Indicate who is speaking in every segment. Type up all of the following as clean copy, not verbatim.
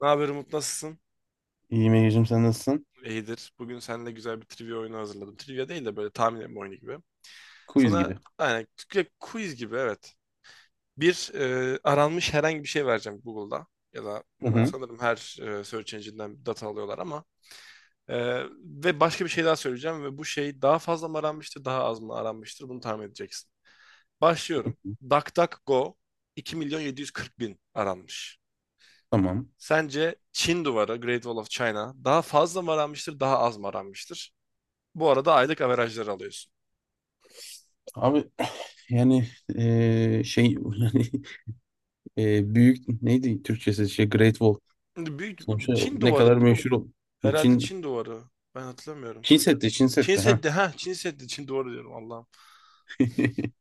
Speaker 1: Ne haber Umut, nasılsın?
Speaker 2: İyiyim Ege'cim sen nasılsın?
Speaker 1: İyidir. Bugün seninle güzel bir trivia oyunu hazırladım. Trivia değil de böyle tahmin etme oyunu gibi.
Speaker 2: Quiz
Speaker 1: Sana
Speaker 2: gibi.
Speaker 1: aynen quiz gibi, evet. Bir aranmış herhangi bir şey vereceğim Google'da. Ya da
Speaker 2: Hı hı.
Speaker 1: sanırım her search engine'den data alıyorlar ama. E, ve başka bir şey daha söyleyeceğim ve bu şey daha fazla mı aranmıştır, daha az mı aranmıştır, bunu tahmin edeceksin. Başlıyorum. DuckDuckGo 2 milyon 740 bin aranmış.
Speaker 2: Tamam.
Speaker 1: Sence Çin duvarı, Great Wall of China, daha fazla mı aranmıştır, daha az mı aranmıştır? Bu arada aylık averajları alıyorsun.
Speaker 2: Abi yani şey yani büyük neydi Türkçesi şey Great Wall.
Speaker 1: Şimdi büyük
Speaker 2: Sonuçta
Speaker 1: Çin
Speaker 2: ne
Speaker 1: duvarı,
Speaker 2: kadar meşhur
Speaker 1: herhalde
Speaker 2: Çin
Speaker 1: Çin duvarı. Ben hatırlamıyorum.
Speaker 2: Çin Seddi Çin
Speaker 1: Çin
Speaker 2: Seddi ha.
Speaker 1: Seddi, ha, Çin Seddi. Çin duvarı diyorum, Allah'ım.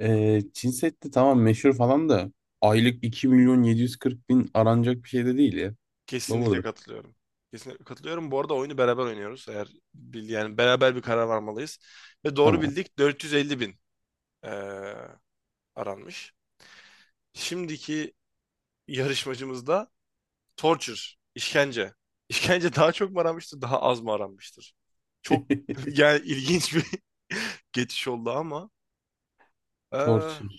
Speaker 2: Çin Seddi, tamam, meşhur falan da aylık 2.740.000 aranacak bir şey de değil ya.
Speaker 1: Kesinlikle
Speaker 2: Lover'dır.
Speaker 1: katılıyorum. Kesinlikle katılıyorum. Bu arada oyunu beraber oynuyoruz. Eğer yani beraber bir karar varmalıyız. Ve doğru
Speaker 2: Tamam.
Speaker 1: bildik, 450 bin eee, aranmış. Şimdiki yarışmacımızda Torture, işkence. İşkence daha çok mu aranmıştır, daha az mı aranmıştır? Çok yani ilginç bir geçiş oldu ama eee,
Speaker 2: Torture.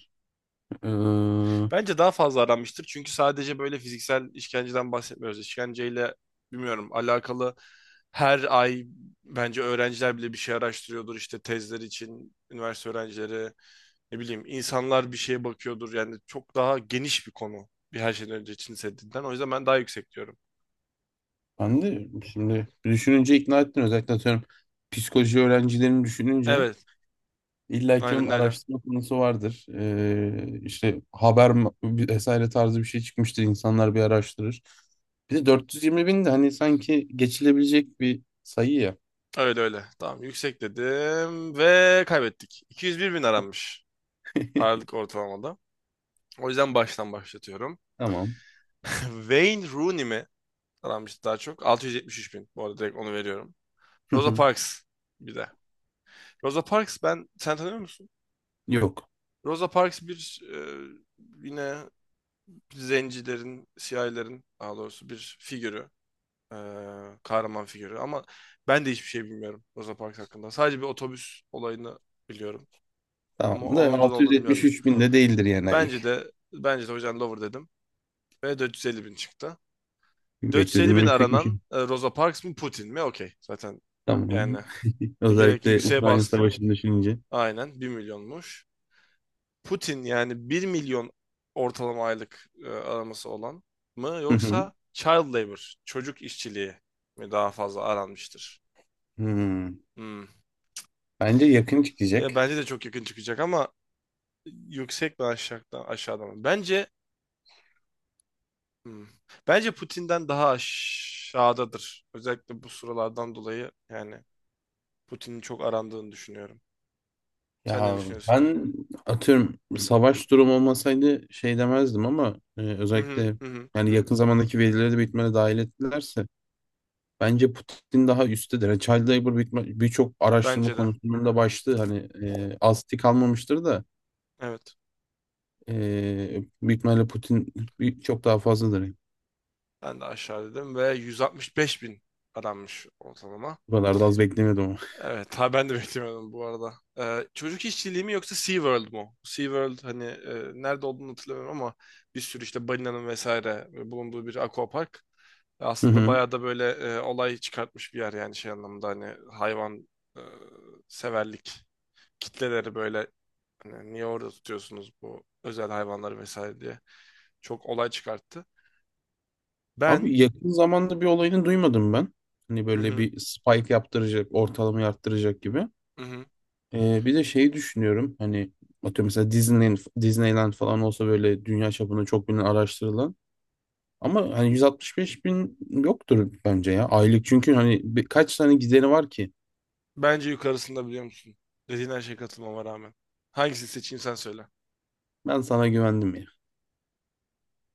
Speaker 2: Eee,
Speaker 1: bence daha fazla aranmıştır. Çünkü sadece böyle fiziksel işkenceden bahsetmiyoruz. İşkenceyle, bilmiyorum, alakalı her ay bence öğrenciler bile bir şey araştırıyordur işte, tezler için üniversite öğrencileri, ne bileyim, insanlar bir şeye bakıyordur yani çok daha geniş bir konu, bir her şeyden önce için hissettiğinden, o yüzden ben daha yüksek diyorum.
Speaker 2: ben de şimdi düşününce ikna ettin, özellikle atıyorum psikoloji öğrencilerini düşününce.
Speaker 1: Evet,
Speaker 2: İlla ki onun
Speaker 1: aynen öyle.
Speaker 2: araştırma konusu vardır. İşte haber vesaire tarzı bir şey çıkmıştır. İnsanlar bir araştırır. Bir de 420 bin de hani sanki geçilebilecek bir sayı ya.
Speaker 1: Öyle öyle. Tamam, yüksek dedim ve kaybettik. 201 bin aranmış aralık ortalamada. O yüzden baştan başlatıyorum.
Speaker 2: Tamam.
Speaker 1: Wayne Rooney mi aranmış daha çok? 673 bin. Bu arada direkt onu veriyorum.
Speaker 2: Hı
Speaker 1: Rosa
Speaker 2: hı.
Speaker 1: Parks bir de. Rosa Parks, sen tanıyor musun?
Speaker 2: Yok.
Speaker 1: Rosa Parks bir yine zencilerin, siyahilerin, daha doğrusu bir figürü. E, Kahraman figürü ama ben de hiçbir şey bilmiyorum Rosa Parks hakkında. Sadece bir otobüs olayını biliyorum. Ama
Speaker 2: Tamam. Bu da
Speaker 1: onun da ne olduğunu bilmiyorum.
Speaker 2: 673 bin de değildir yani aylık.
Speaker 1: Bence de o yüzden Lover dedim. Ve 450 bin çıktı. 450
Speaker 2: Beklediğimden
Speaker 1: bin
Speaker 2: yüksekmiş.
Speaker 1: aranan Rosa Parks mı, Putin mi? Okey. Zaten yani
Speaker 2: Tamam.
Speaker 1: gerek
Speaker 2: Özellikle
Speaker 1: yükseğe
Speaker 2: Ukrayna
Speaker 1: bastım.
Speaker 2: Savaşı'nı düşününce.
Speaker 1: Aynen bir milyonmuş. Putin yani 1.000.000 ortalama aylık araması olan mı,
Speaker 2: Hı hı.
Speaker 1: yoksa child labor, çocuk işçiliği mi daha fazla aranmıştır?
Speaker 2: Hmm.
Speaker 1: Hmm.
Speaker 2: Bence yakın çıkacak.
Speaker 1: Bence de çok yakın çıkacak ama yüksek mi, aşağıda, aşağıda mı? Bence Hmm. Bence Putin'den daha aşağıdadır. Özellikle bu sıralardan dolayı yani Putin'in çok arandığını düşünüyorum. Sen ne
Speaker 2: Ya
Speaker 1: düşünüyorsun?
Speaker 2: ben atıyorum, savaş durumu olmasaydı şey demezdim ama
Speaker 1: Hı hı
Speaker 2: özellikle
Speaker 1: hı, hı.
Speaker 2: yani yakın zamandaki verileri de bitmene dahil ettilerse bence Putin daha üsttedir. Yani child labor bitme birçok araştırma
Speaker 1: Bence de.
Speaker 2: konusunun da başlığı hani asti kalmamıştır da
Speaker 1: Evet.
Speaker 2: e, büyük ihtimalle Putin çok daha fazladır. Yani.
Speaker 1: Ben de aşağı dedim ve 165 bin aranmış ortalama.
Speaker 2: Bu kadar da az beklemiyordum ama.
Speaker 1: Evet, ha, ben de beklemiyordum bu arada. Çocuk işçiliği mi yoksa SeaWorld mu? SeaWorld, hani, nerede olduğunu hatırlamıyorum ama bir sürü işte balinanın vesaire bulunduğu bir aquapark.
Speaker 2: Hı
Speaker 1: Aslında
Speaker 2: hı.
Speaker 1: bayağı da böyle olay çıkartmış bir yer. Yani şey anlamında, hani hayvan e, severlik kitleleri böyle, hani niye orada tutuyorsunuz bu özel hayvanları vesaire diye çok olay çıkarttı. Ben
Speaker 2: Abi, yakın zamanda bir olayını duymadım ben. Hani
Speaker 1: hı
Speaker 2: böyle
Speaker 1: hı,
Speaker 2: bir spike yaptıracak, ortalamayı arttıracak gibi.
Speaker 1: hı hı.
Speaker 2: Bir de şeyi düşünüyorum hani, atıyorum mesela Disneyland falan olsa böyle dünya çapında çok bilinen, araştırılan, ama hani 165 bin yoktur bence ya aylık, çünkü hani kaç tane gideri var ki.
Speaker 1: Bence yukarısında, biliyor musun? Dediğin her şeye katılmama rağmen. Hangisini seçeyim, sen söyle.
Speaker 2: Ben sana güvendim ya.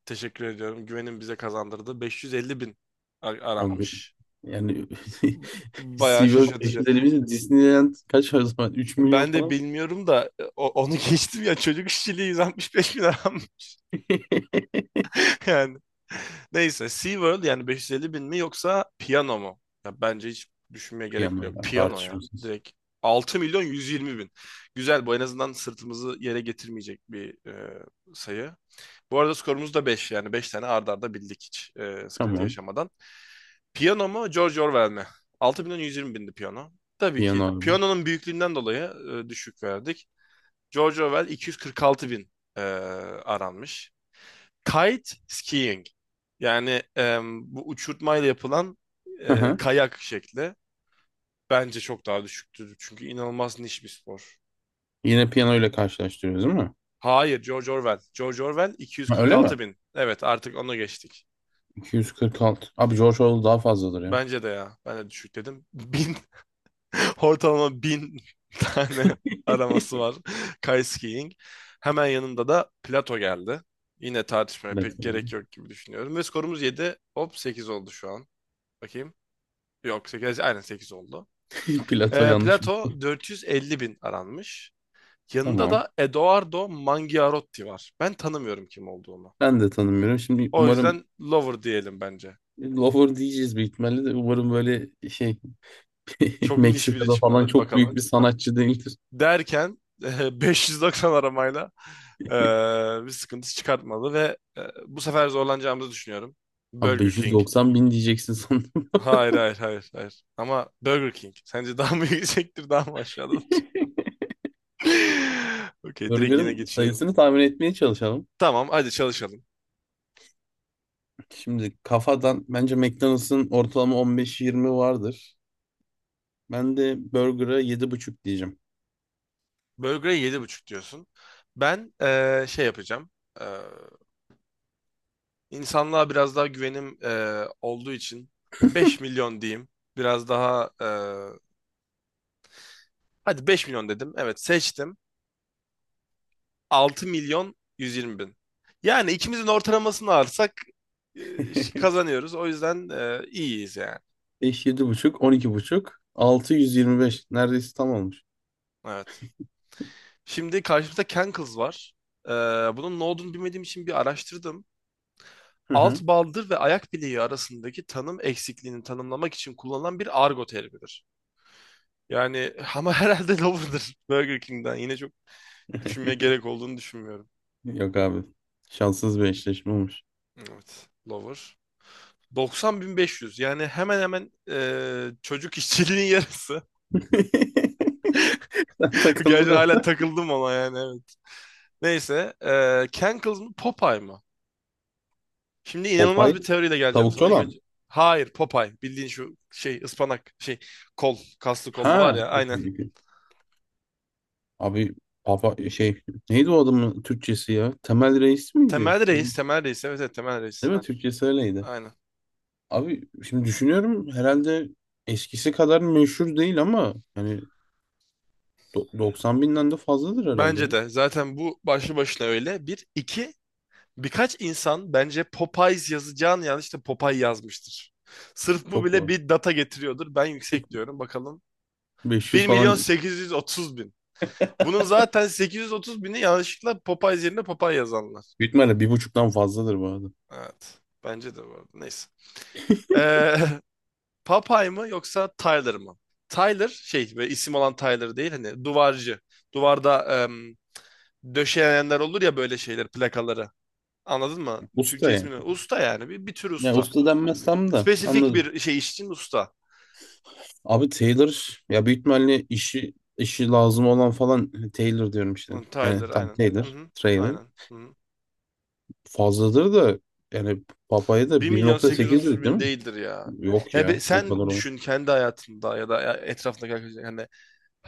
Speaker 1: Teşekkür ediyorum. Güvenin bize kazandırdı. 550 bin
Speaker 2: O
Speaker 1: aranmış.
Speaker 2: yani
Speaker 1: Bayağı
Speaker 2: SeaWorld
Speaker 1: şaşırtıcı.
Speaker 2: 550 bin, Disneyland kaç o zaman, 3 milyon
Speaker 1: Ben de
Speaker 2: falan.
Speaker 1: bilmiyorum da onu geçtim ya, çocuk işçiliği 165 bin aram yani. Neyse, SeaWorld yani, 550 bin mi yoksa piyano mu? Ya bence hiç düşünmeye gerek
Speaker 2: Piyano
Speaker 1: bile yok.
Speaker 2: ya,
Speaker 1: Piyano ya
Speaker 2: tartışmasız.
Speaker 1: direkt 6 milyon 120 bin. Güzel, bu en azından sırtımızı yere getirmeyecek bir sayı. Bu arada skorumuz da beş, yani 5 tane arda arda bildik hiç sıkıntı
Speaker 2: Tamam,
Speaker 1: yaşamadan. Piyano mu, George Orwell mi? 6 120 bindi piyano. Tabii
Speaker 2: piyano.
Speaker 1: ki
Speaker 2: Albüm.
Speaker 1: piyanonun büyüklüğünden dolayı düşük verdik. George Orwell 246.000 e, aranmış. Kite skiing. Yani bu uçurtmayla yapılan
Speaker 2: Hı hı.
Speaker 1: kayak şekli bence çok daha düşüktür. Çünkü inanılmaz niş bir spor.
Speaker 2: Yine piyano ile karşılaştırıyoruz değil mi?
Speaker 1: Hayır, George Orwell. George Orwell iki yüz
Speaker 2: Ha,
Speaker 1: kırk
Speaker 2: öyle
Speaker 1: altı
Speaker 2: mi?
Speaker 1: bin. Evet, artık onu geçtik.
Speaker 2: 246. Abi, George Orwell daha fazladır ya.
Speaker 1: Bence de ya. Ben de düşük dedim. Bin, ortalama bin tane araması var Kite skiing. Hemen yanında da Plato geldi. Yine tartışmaya
Speaker 2: Evet,
Speaker 1: pek gerek
Speaker 2: tamam.
Speaker 1: yok gibi düşünüyorum. Ve skorumuz 7. Hop, 8 oldu şu an. Bakayım. Yok, sekiz. Aynen, 8 oldu.
Speaker 2: Plato yanlış mı?
Speaker 1: Plato 450 bin aranmış. Yanında
Speaker 2: Tamam.
Speaker 1: da Edoardo Mangiarotti var. Ben tanımıyorum kim olduğunu.
Speaker 2: Ben de tanımıyorum. Şimdi
Speaker 1: O
Speaker 2: umarım
Speaker 1: yüzden lover diyelim bence.
Speaker 2: lover diyeceğiz büyük ihtimalle de, umarım böyle şey
Speaker 1: Çok niş biri
Speaker 2: Meksika'da
Speaker 1: çıkmadı.
Speaker 2: falan
Speaker 1: Hadi
Speaker 2: çok büyük
Speaker 1: bakalım,
Speaker 2: bir sanatçı değildir.
Speaker 1: derken 590 aramayla e, bir sıkıntı çıkartmadı ve bu sefer zorlanacağımızı düşünüyorum.
Speaker 2: Abi
Speaker 1: Burger King.
Speaker 2: 590 bin diyeceksin sandım.
Speaker 1: Hayır hayır hayır hayır. Ama Burger King. Sence daha mı yüksektir, daha mı aşağıdadır? Okey, direkt yine
Speaker 2: Burger'ın
Speaker 1: geçiyorum.
Speaker 2: sayısını tahmin etmeye çalışalım.
Speaker 1: Tamam, hadi çalışalım.
Speaker 2: Şimdi kafadan bence McDonald's'ın ortalama 15-20 vardır. Ben de Burger'a 7,5 diyeceğim.
Speaker 1: Burger'e 7,5 diyorsun. Ben şey yapacağım. E, insanlığa biraz daha güvenim olduğu için 5 milyon diyeyim. Biraz daha hadi 5 milyon dedim. Evet, seçtim. 6.120.000. Yani ikimizin ortalamasını alırsak e, işte kazanıyoruz. O yüzden iyiyiz yani.
Speaker 2: 5, 7,5, 12,5, 625. Neredeyse tam olmuş.
Speaker 1: Evet. Şimdi karşımızda Cankles var. E, Bunun ne olduğunu bilmediğim için bir araştırdım.
Speaker 2: Hı
Speaker 1: Alt
Speaker 2: hı.
Speaker 1: baldır ve ayak bileği arasındaki tanım eksikliğini tanımlamak için kullanılan bir argo terimidir. Yani ama herhalde lover'dır, Burger King'den. Yine çok düşünmeye gerek olduğunu düşünmüyorum.
Speaker 2: Yok abi. Şanssız bir eşleşme olmuş.
Speaker 1: Evet. Lover. Yüz, yani hemen hemen çocuk işçiliğinin yarısı.
Speaker 2: Sen takıldın
Speaker 1: Gerçi hala
Speaker 2: orada.
Speaker 1: takıldım ona, yani evet. Neyse. Cankles mı, Popeye mı? Şimdi inanılmaz
Speaker 2: Popeye,
Speaker 1: bir teoriyle geleceğim
Speaker 2: tavukçu
Speaker 1: sana. İlk
Speaker 2: olan.
Speaker 1: önce, hayır, Popeye. Bildiğin şu şey, ıspanak şey, kol kaslı kollu var
Speaker 2: Ha.
Speaker 1: ya, aynen.
Speaker 2: Peki, peki. Abi, papa şey, neydi o adamın Türkçesi ya? Temel Reis miydi?
Speaker 1: Temel
Speaker 2: Öyle,
Speaker 1: Reis. Temel Reis. Evet, evet, Temel Reis.
Speaker 2: değil mi? Ha, Türkçesi öyleydi.
Speaker 1: Aynen.
Speaker 2: Abi, şimdi düşünüyorum, herhalde eskisi kadar meşhur değil ama yani 90 binden de fazladır herhalde
Speaker 1: Bence
Speaker 2: ya.
Speaker 1: de. Zaten bu başlı başına öyle. Bir, iki. Birkaç insan bence Popeyes yazacağını yanlış da Popeye yazmıştır. Sırf bu
Speaker 2: Çok
Speaker 1: bile
Speaker 2: var.
Speaker 1: bir data getiriyordur. Ben yüksek diyorum. Bakalım, bir
Speaker 2: 500
Speaker 1: milyon
Speaker 2: falan.
Speaker 1: sekiz yüz otuz bin. Bunun zaten 830 bini yanlışlıkla Popeyes yerine Popeye yazanlar.
Speaker 2: Büyük ihtimalle bir buçuktan fazladır bu arada.
Speaker 1: Evet. Bence de, bu arada. Neyse. Ee, Popeye mı yoksa Tyler mı? Tyler, şey böyle isim olan Tyler değil, hani duvarcı. Duvarda döşeyenler olur ya böyle şeyler, plakaları. Anladın mı
Speaker 2: Usta
Speaker 1: Türkçe
Speaker 2: yani.
Speaker 1: ismini? Usta yani, bir tür
Speaker 2: Ya
Speaker 1: usta.
Speaker 2: usta denmezsem de
Speaker 1: Spesifik
Speaker 2: anladım.
Speaker 1: bir şey iş için usta.
Speaker 2: Abi, Taylor ya, büyük ihtimalle işi lazım olan falan Taylor diyorum işte.
Speaker 1: Tyler,
Speaker 2: Yani tam
Speaker 1: aynen. Hı
Speaker 2: Taylor,
Speaker 1: hı.
Speaker 2: Trailer.
Speaker 1: Aynen. Hı hı.
Speaker 2: Fazladır da, yani Papa'ya da
Speaker 1: Bir milyon sekiz yüz
Speaker 2: 1,8
Speaker 1: otuz
Speaker 2: dedik değil
Speaker 1: bin
Speaker 2: mi?
Speaker 1: değildir ya.
Speaker 2: Yok
Speaker 1: Ya
Speaker 2: ya, o kadar
Speaker 1: sen
Speaker 2: olmaz.
Speaker 1: düşün kendi hayatında, ya da ya etrafındaki arkadaşlar. Yani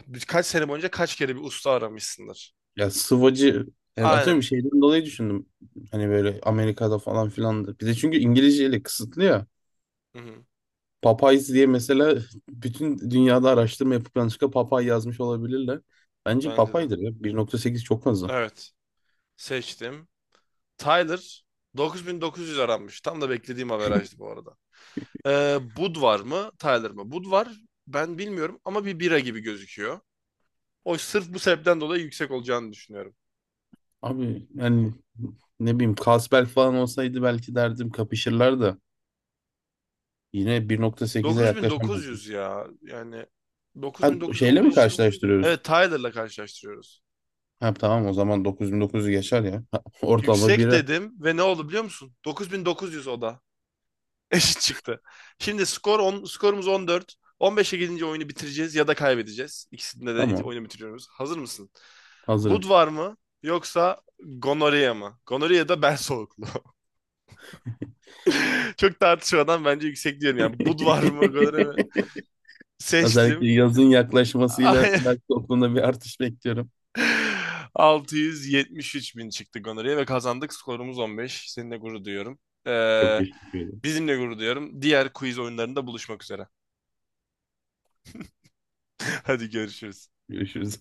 Speaker 1: kaç sene boyunca kaç kere bir usta aramışsındır.
Speaker 2: Ya, sıvacı yani, atıyorum bir
Speaker 1: Aynen.
Speaker 2: şeyden dolayı düşündüm. Hani böyle Amerika'da falan filan. Bir de çünkü İngilizceyle kısıtlı ya.
Speaker 1: Hı-hı.
Speaker 2: Popeyes diye mesela bütün dünyada araştırma yapıp yanlışlıkla Popeye yazmış olabilirler. Bence
Speaker 1: Bence de.
Speaker 2: Popeye'dir ya. 1,8 çok fazla.
Speaker 1: Evet. Seçtim. Tyler dokuz bin dokuz yüz aranmış. Tam da beklediğim averajdı bu arada. Bud var mı? Tyler mı? Bud var. Ben bilmiyorum ama bir bira gibi gözüküyor. O sırf bu sebepten dolayı yüksek olacağını düşünüyorum.
Speaker 2: Abi, yani ne bileyim, Kasbel falan olsaydı belki derdim kapışırlar da, yine 1,8'e yaklaşamazdım.
Speaker 1: 9900 ya. Yani
Speaker 2: Ha,
Speaker 1: 9900
Speaker 2: şeyle
Speaker 1: olduğu
Speaker 2: mi
Speaker 1: için,
Speaker 2: karşılaştırıyoruz?
Speaker 1: evet, Tyler'la karşılaştırıyoruz.
Speaker 2: Ha tamam, o zaman 9900 geçer ya. Ha, ortalama
Speaker 1: Yüksek
Speaker 2: bire.
Speaker 1: dedim ve ne oldu biliyor musun? 9900 o da. Eşit çıktı. Şimdi skor on, skorumuz 14. 15'e gidince oyunu bitireceğiz ya da kaybedeceğiz. İkisinde de
Speaker 2: Tamam,
Speaker 1: oyunu bitiriyoruz. Hazır mısın? Bud
Speaker 2: hazırım.
Speaker 1: var mı yoksa gonorya mı? Gonorya da ben soğuklu. Çok tartışmadan bence yüksek diyorum yani. Bud var mı, gonorya mı? Seçtim.
Speaker 2: Özellikle yazın yaklaşmasıyla ben toplumda bir artış bekliyorum.
Speaker 1: 673 bin çıktık honoraya ve kazandık. Skorumuz 15. Seninle gurur duyuyorum.
Speaker 2: Çok
Speaker 1: Ee,
Speaker 2: teşekkür ederim.
Speaker 1: Bizimle gurur duyuyorum. Diğer quiz oyunlarında buluşmak üzere. Hadi görüşürüz.
Speaker 2: Görüşürüz.